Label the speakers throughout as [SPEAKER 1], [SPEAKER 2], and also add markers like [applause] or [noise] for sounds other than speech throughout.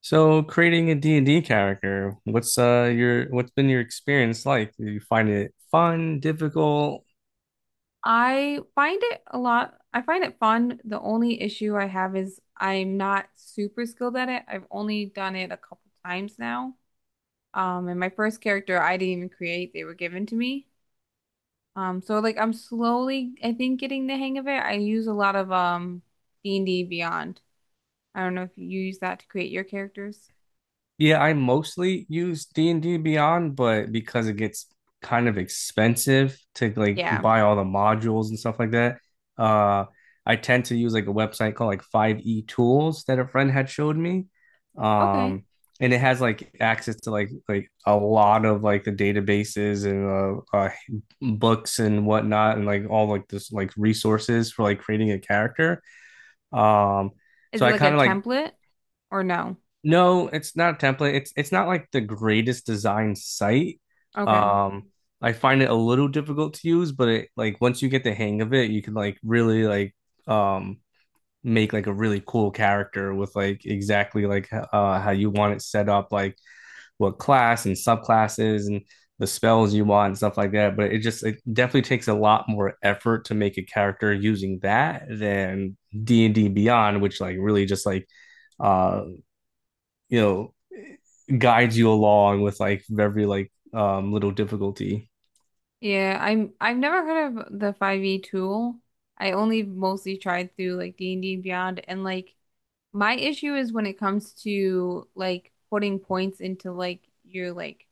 [SPEAKER 1] So creating a D and d character, what's been your experience like? Do you find it fun, difficult?
[SPEAKER 2] I find it a lot, I find it fun. The only issue I have is I'm not super skilled at it. I've only done it a couple times now. And my first character I didn't even create, they were given to me. So like I'm slowly, I think, getting the hang of it. I use a lot of D&D Beyond. I don't know if you use that to create your characters.
[SPEAKER 1] Yeah, I mostly use D&D Beyond, but because it gets kind of expensive to like
[SPEAKER 2] Yeah.
[SPEAKER 1] buy all the modules and stuff like that, uh I tend to use like a website called like 5e Tools that a friend had showed me.
[SPEAKER 2] Okay.
[SPEAKER 1] Um and it has like access to like a lot of like the databases and books and whatnot and like all like this like resources for like creating a character. Um
[SPEAKER 2] Is
[SPEAKER 1] so
[SPEAKER 2] it
[SPEAKER 1] I
[SPEAKER 2] like a
[SPEAKER 1] kind of like
[SPEAKER 2] template or no?
[SPEAKER 1] no, it's not a template. It's not like the greatest design site.
[SPEAKER 2] Okay.
[SPEAKER 1] Um, I find it a little difficult to use, but it like once you get the hang of it, you can like really like um make like a really cool character with like exactly like how you want it set up, like what class and subclasses and the spells you want and stuff like that. But it definitely takes a lot more effort to make a character using that than D&D Beyond, which like really just like uh you know guides you along with like every like little difficulty.
[SPEAKER 2] Yeah, I've never heard of the 5e tool. I only mostly tried through like D&D and D and Beyond, and like my issue is when it comes to like putting points into like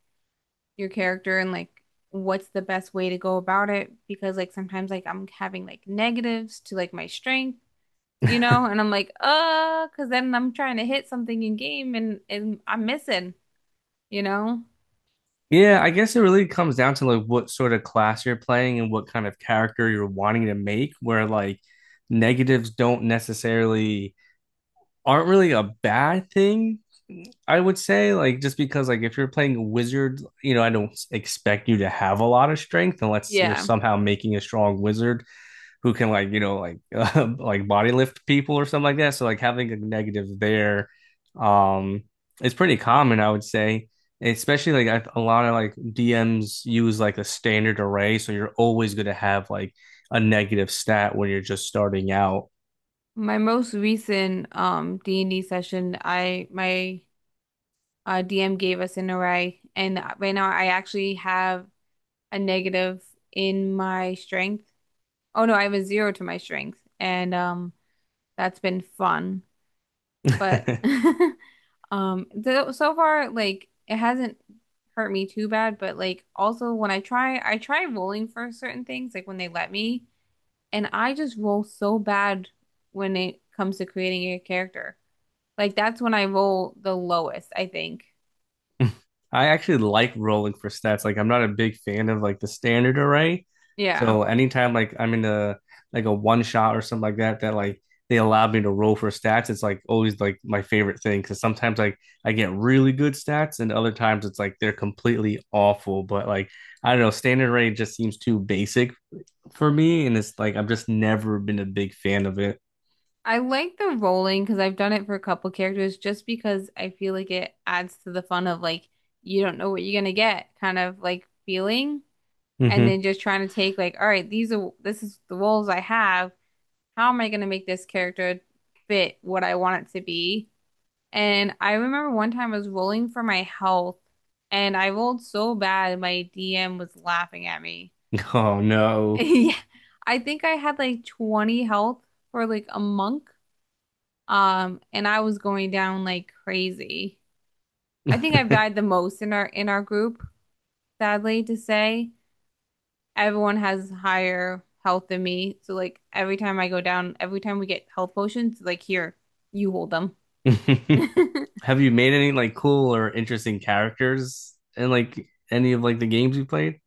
[SPEAKER 2] your character and like what's the best way to go about it, because like sometimes like I'm having like negatives to like my strength, you
[SPEAKER 1] [laughs]
[SPEAKER 2] know, and I'm like, because then I'm trying to hit something in game and I'm missing, you know?
[SPEAKER 1] Yeah, I guess it really comes down to like what sort of class you're playing and what kind of character you're wanting to make where like negatives don't necessarily aren't really a bad thing. I would say like just because like if you're playing a wizard, you know, I don't expect you to have a lot of strength unless you're
[SPEAKER 2] Yeah.
[SPEAKER 1] somehow making a strong wizard who can like you know like [laughs] like body lift people or something like that. So like having a negative there, um, it's pretty common, I would say. Especially a lot of like DMs use like a standard array, so you're always going to have like a negative stat when you're just starting out.
[SPEAKER 2] My most recent D&D session, I my DM gave us an array, and right now I actually have a negative in my strength. Oh no, I have a zero to my strength, and that's been fun. But
[SPEAKER 1] [laughs]
[SPEAKER 2] [laughs] th so far like it hasn't hurt me too bad, but like also when I try rolling for certain things like when they let me, and I just roll so bad when it comes to creating a character. Like that's when I roll the lowest, I think.
[SPEAKER 1] I actually like rolling for stats. Like I'm not a big fan of like the standard array.
[SPEAKER 2] Yeah.
[SPEAKER 1] So anytime like I'm in a like a one shot or something like that that like they allow me to roll for stats, it's like always like my favorite thing because sometimes like I get really good stats and other times it's like they're completely awful. But like I don't know, standard array just seems too basic for me, and it's like I've just never been a big fan of it.
[SPEAKER 2] I like the rolling because I've done it for a couple characters, just because I feel like it adds to the fun of like you don't know what you're gonna get kind of like feeling, and
[SPEAKER 1] Hmm.
[SPEAKER 2] then just trying to take like, all right, these are this is the roles I have. How am I gonna make this character fit what I want it to be? And I remember one time I was rolling for my health and I rolled so bad my DM was laughing at me.
[SPEAKER 1] Oh
[SPEAKER 2] [laughs]
[SPEAKER 1] no.
[SPEAKER 2] Yeah, I think I had like 20 health for like a monk. And I was going down like crazy. I think I've died the most in our group, sadly to say. Everyone has higher health than me. So like every time I go down, every time we get health potions, like here, you hold them.
[SPEAKER 1] [laughs] Have you made any like cool or interesting characters in like any of like the games you played?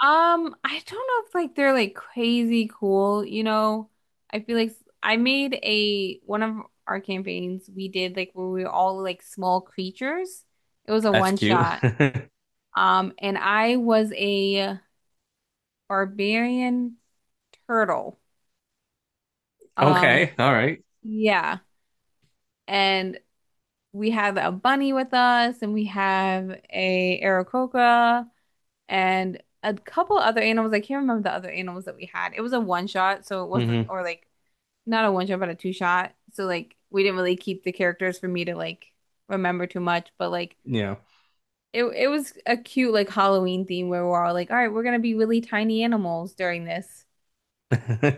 [SPEAKER 2] I don't know if like they're like crazy cool, you know. I feel like I made a one of our campaigns we did like where we were all like small creatures. It was a
[SPEAKER 1] That's
[SPEAKER 2] one
[SPEAKER 1] cute.
[SPEAKER 2] shot. And I was a barbarian turtle.
[SPEAKER 1] [laughs]
[SPEAKER 2] Um,
[SPEAKER 1] Okay, all right.
[SPEAKER 2] yeah. And we had a bunny with us and we have a Aarakocra and a couple other animals. I can't remember the other animals that we had. It was a one shot, so it wasn't,
[SPEAKER 1] Mm-hmm.
[SPEAKER 2] or like not a one shot, but a two shot. So like we didn't really keep the characters for me to like remember too much, but like
[SPEAKER 1] Yeah,
[SPEAKER 2] it was a cute like Halloween theme where we're all like, all right, we're gonna be really tiny animals during this.
[SPEAKER 1] [laughs] I,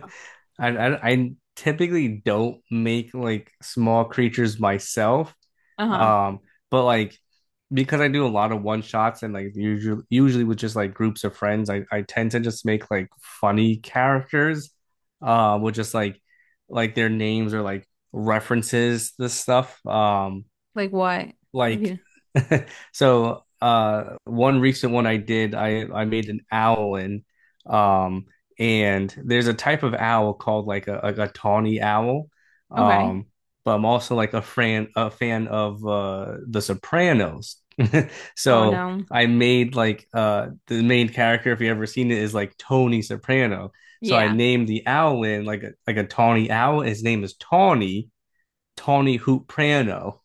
[SPEAKER 1] I typically don't make like small creatures myself,
[SPEAKER 2] Uh-huh.
[SPEAKER 1] um, but like because I do a lot of one shots and like usually with just like groups of friends, I tend to just make like funny characters, with just like their names or like references the stuff
[SPEAKER 2] Like what? If
[SPEAKER 1] like
[SPEAKER 2] you
[SPEAKER 1] [laughs] so one recent one I did, I made an owl in um and there's a type of owl called like a tawny owl.
[SPEAKER 2] okay.
[SPEAKER 1] Um but I'm also like a fan of The Sopranos. [laughs]
[SPEAKER 2] Oh
[SPEAKER 1] So
[SPEAKER 2] no.
[SPEAKER 1] I made like the main character if you ever seen it is like Tony Soprano. So I
[SPEAKER 2] Yeah.
[SPEAKER 1] named the owl in like a tawny owl. His name is Tawny, Tawny Hoop Prano,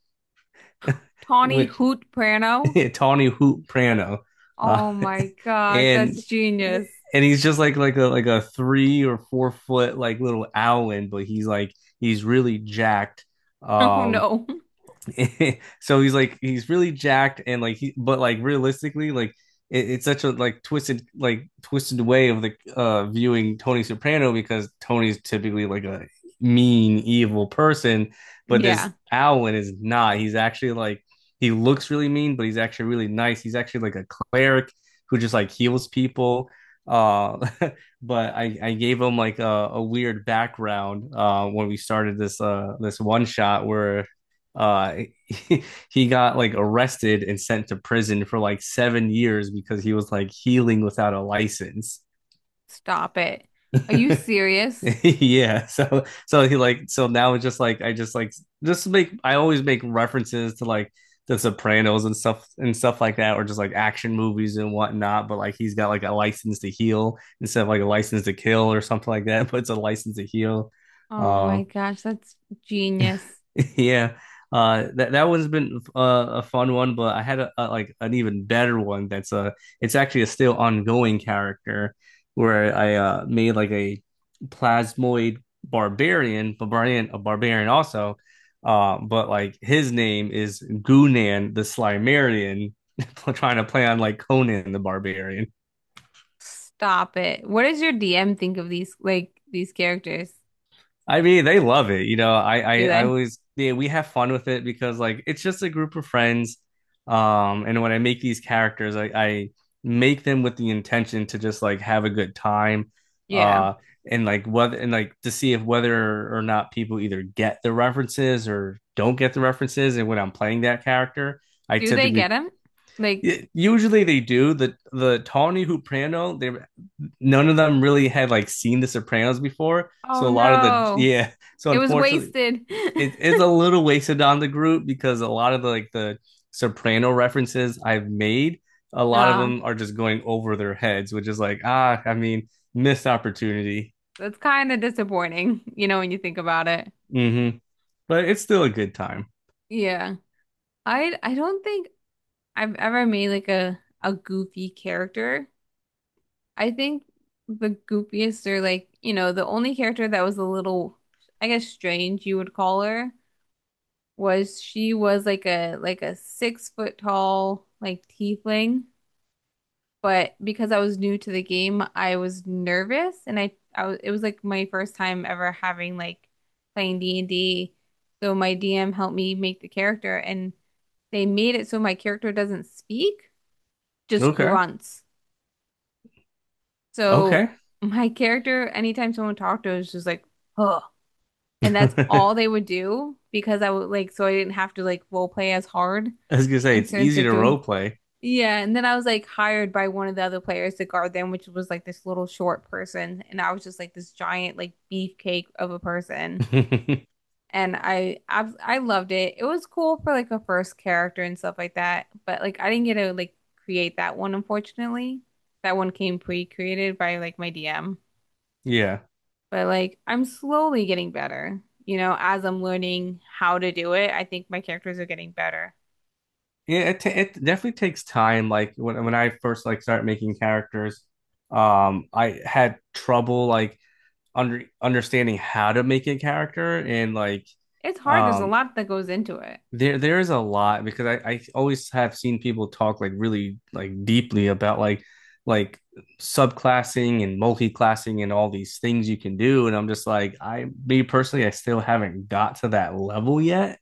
[SPEAKER 2] Tawny
[SPEAKER 1] which
[SPEAKER 2] Hoot Prano.
[SPEAKER 1] [laughs] Tawny Hoop Prano, uh,
[SPEAKER 2] Oh my gosh,
[SPEAKER 1] and
[SPEAKER 2] that's genius.
[SPEAKER 1] and
[SPEAKER 2] [laughs]
[SPEAKER 1] he's just like like a 3 or 4 foot like little owlin, but he's like he's really jacked.
[SPEAKER 2] Oh
[SPEAKER 1] Um,
[SPEAKER 2] no.
[SPEAKER 1] [laughs] so he's like he's really jacked and like he but like realistically like it, it's such a like twisted way of the viewing Tony Soprano because Tony's typically like a mean evil person, but this
[SPEAKER 2] Yeah.
[SPEAKER 1] Alwyn is not. He's actually like he looks really mean, but he's actually really nice. He's actually like a cleric who just like heals people. uh [laughs] but I gave him like a weird background when we started this this one shot where uh [laughs] he got like arrested and sent to prison for like 7 years because he was like healing without a license.
[SPEAKER 2] Stop it. Are you
[SPEAKER 1] [laughs]
[SPEAKER 2] serious?
[SPEAKER 1] Yeah. So so he like so now it's just like I just like just make I always make references to like the Sopranos and stuff like that, or just like action movies and whatnot. But like he's got like a license to heal instead of like a license to kill or something like that, [laughs] but it's a license to heal. Um
[SPEAKER 2] Oh
[SPEAKER 1] uh,
[SPEAKER 2] my gosh, that's genius.
[SPEAKER 1] [laughs] Yeah, that one's been a fun one, but I had a like an even better one. That's it's actually a still ongoing character where I made like a plasmoid barbarian also, but like his name is Gunan the Slimerian, [laughs] trying to play on like Conan the Barbarian.
[SPEAKER 2] Stop it. What does your DM think of these like these characters?
[SPEAKER 1] I mean, they love it. You know, I, I,
[SPEAKER 2] Do
[SPEAKER 1] I
[SPEAKER 2] they?
[SPEAKER 1] always, yeah, we have fun with it because like it's just a group of friends. And when I make these characters, I make them with the intention to just like have a good time.
[SPEAKER 2] Yeah.
[SPEAKER 1] Uh, and like whether and like to see if whether or not people either get the references or don't get the references. And when I'm playing that character, I
[SPEAKER 2] Do they get
[SPEAKER 1] typically
[SPEAKER 2] them? Like,
[SPEAKER 1] usually they do the Tawny Huprano. They none of them really had like seen The Sopranos before.
[SPEAKER 2] oh
[SPEAKER 1] So a lot of the [laughs]
[SPEAKER 2] no.
[SPEAKER 1] yeah, so
[SPEAKER 2] It was
[SPEAKER 1] unfortunately,
[SPEAKER 2] wasted.
[SPEAKER 1] it,
[SPEAKER 2] [laughs]
[SPEAKER 1] it's a little wasted on the group because a lot of the Soprano references I've made, a lot of
[SPEAKER 2] Ah,
[SPEAKER 1] them are just going over their heads, which is like ah, I mean, missed opportunity.
[SPEAKER 2] that's kind of disappointing, you know, when you think about it.
[SPEAKER 1] Mm-hmm. But it's still a good time.
[SPEAKER 2] Yeah. I don't think I've ever made like a goofy character. I think the goofiest are like, you know, the only character that was a little, I guess, strange, you would call her, was she was like a 6 foot tall like tiefling, but because I was new to the game, I was nervous and I was it was like my first time ever having like playing D&D. So my DM helped me make the character and they made it so my character doesn't speak, just
[SPEAKER 1] Okay,
[SPEAKER 2] grunts. So
[SPEAKER 1] okay.
[SPEAKER 2] my character, anytime someone talked to her, was just like, huh.
[SPEAKER 1] [laughs]
[SPEAKER 2] And that's
[SPEAKER 1] I
[SPEAKER 2] all they would do, because I would like, so I didn't have to like role play as hard
[SPEAKER 1] was gonna say
[SPEAKER 2] in
[SPEAKER 1] it's
[SPEAKER 2] certain
[SPEAKER 1] easy to role
[SPEAKER 2] situations.
[SPEAKER 1] play.
[SPEAKER 2] Yeah, and then I was like hired by one of the other players to guard them, which was like this little short person, and I was just like this giant like beefcake of a person.
[SPEAKER 1] [laughs]
[SPEAKER 2] And I loved it. It was cool for like a first character and stuff like that, but like I didn't get to like create that one, unfortunately. That one came pre-created by like my DM.
[SPEAKER 1] Yeah.
[SPEAKER 2] But like I'm slowly getting better, you know, as I'm learning how to do it. I think my characters are getting better.
[SPEAKER 1] Yeah, it definitely takes time. Like when I first like started making characters, I had trouble like understanding how to make a character and like
[SPEAKER 2] It's hard. There's a
[SPEAKER 1] um
[SPEAKER 2] lot that goes into it.
[SPEAKER 1] there there is a lot because I always have seen people talk like really like deeply about like subclassing and multi-classing and all these things you can do, and I'm just like I me personally I still haven't got to that level yet.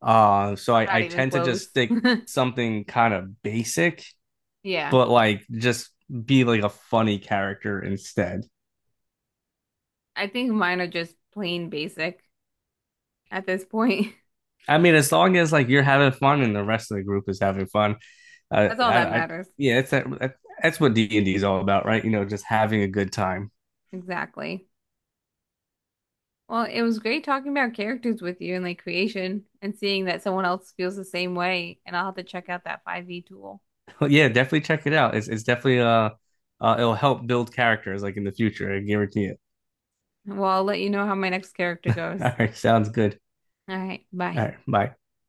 [SPEAKER 1] So
[SPEAKER 2] I'm
[SPEAKER 1] I
[SPEAKER 2] not even
[SPEAKER 1] tend to
[SPEAKER 2] close.
[SPEAKER 1] just
[SPEAKER 2] [laughs]
[SPEAKER 1] stick something kind of basic
[SPEAKER 2] Yeah.
[SPEAKER 1] but like just be like a funny character instead.
[SPEAKER 2] I think mine are just plain basic at this point.
[SPEAKER 1] I mean, as long as like you're having fun and the rest of the group is having fun,
[SPEAKER 2] [laughs] That's all that
[SPEAKER 1] I
[SPEAKER 2] matters.
[SPEAKER 1] yeah, that's what D and D is all about, right? You know, just having a good time. [laughs]
[SPEAKER 2] Exactly. Well, it was great talking about characters with you and like creation, and seeing that someone else feels the same way. And I'll have to check out that 5e tool.
[SPEAKER 1] But yeah, definitely check it out. It's definitely it'll help build characters like in the future. I guarantee it.
[SPEAKER 2] Well, I'll let you know how my next character
[SPEAKER 1] [laughs] All
[SPEAKER 2] goes.
[SPEAKER 1] right, sounds good.
[SPEAKER 2] All right, bye.
[SPEAKER 1] All right, bye.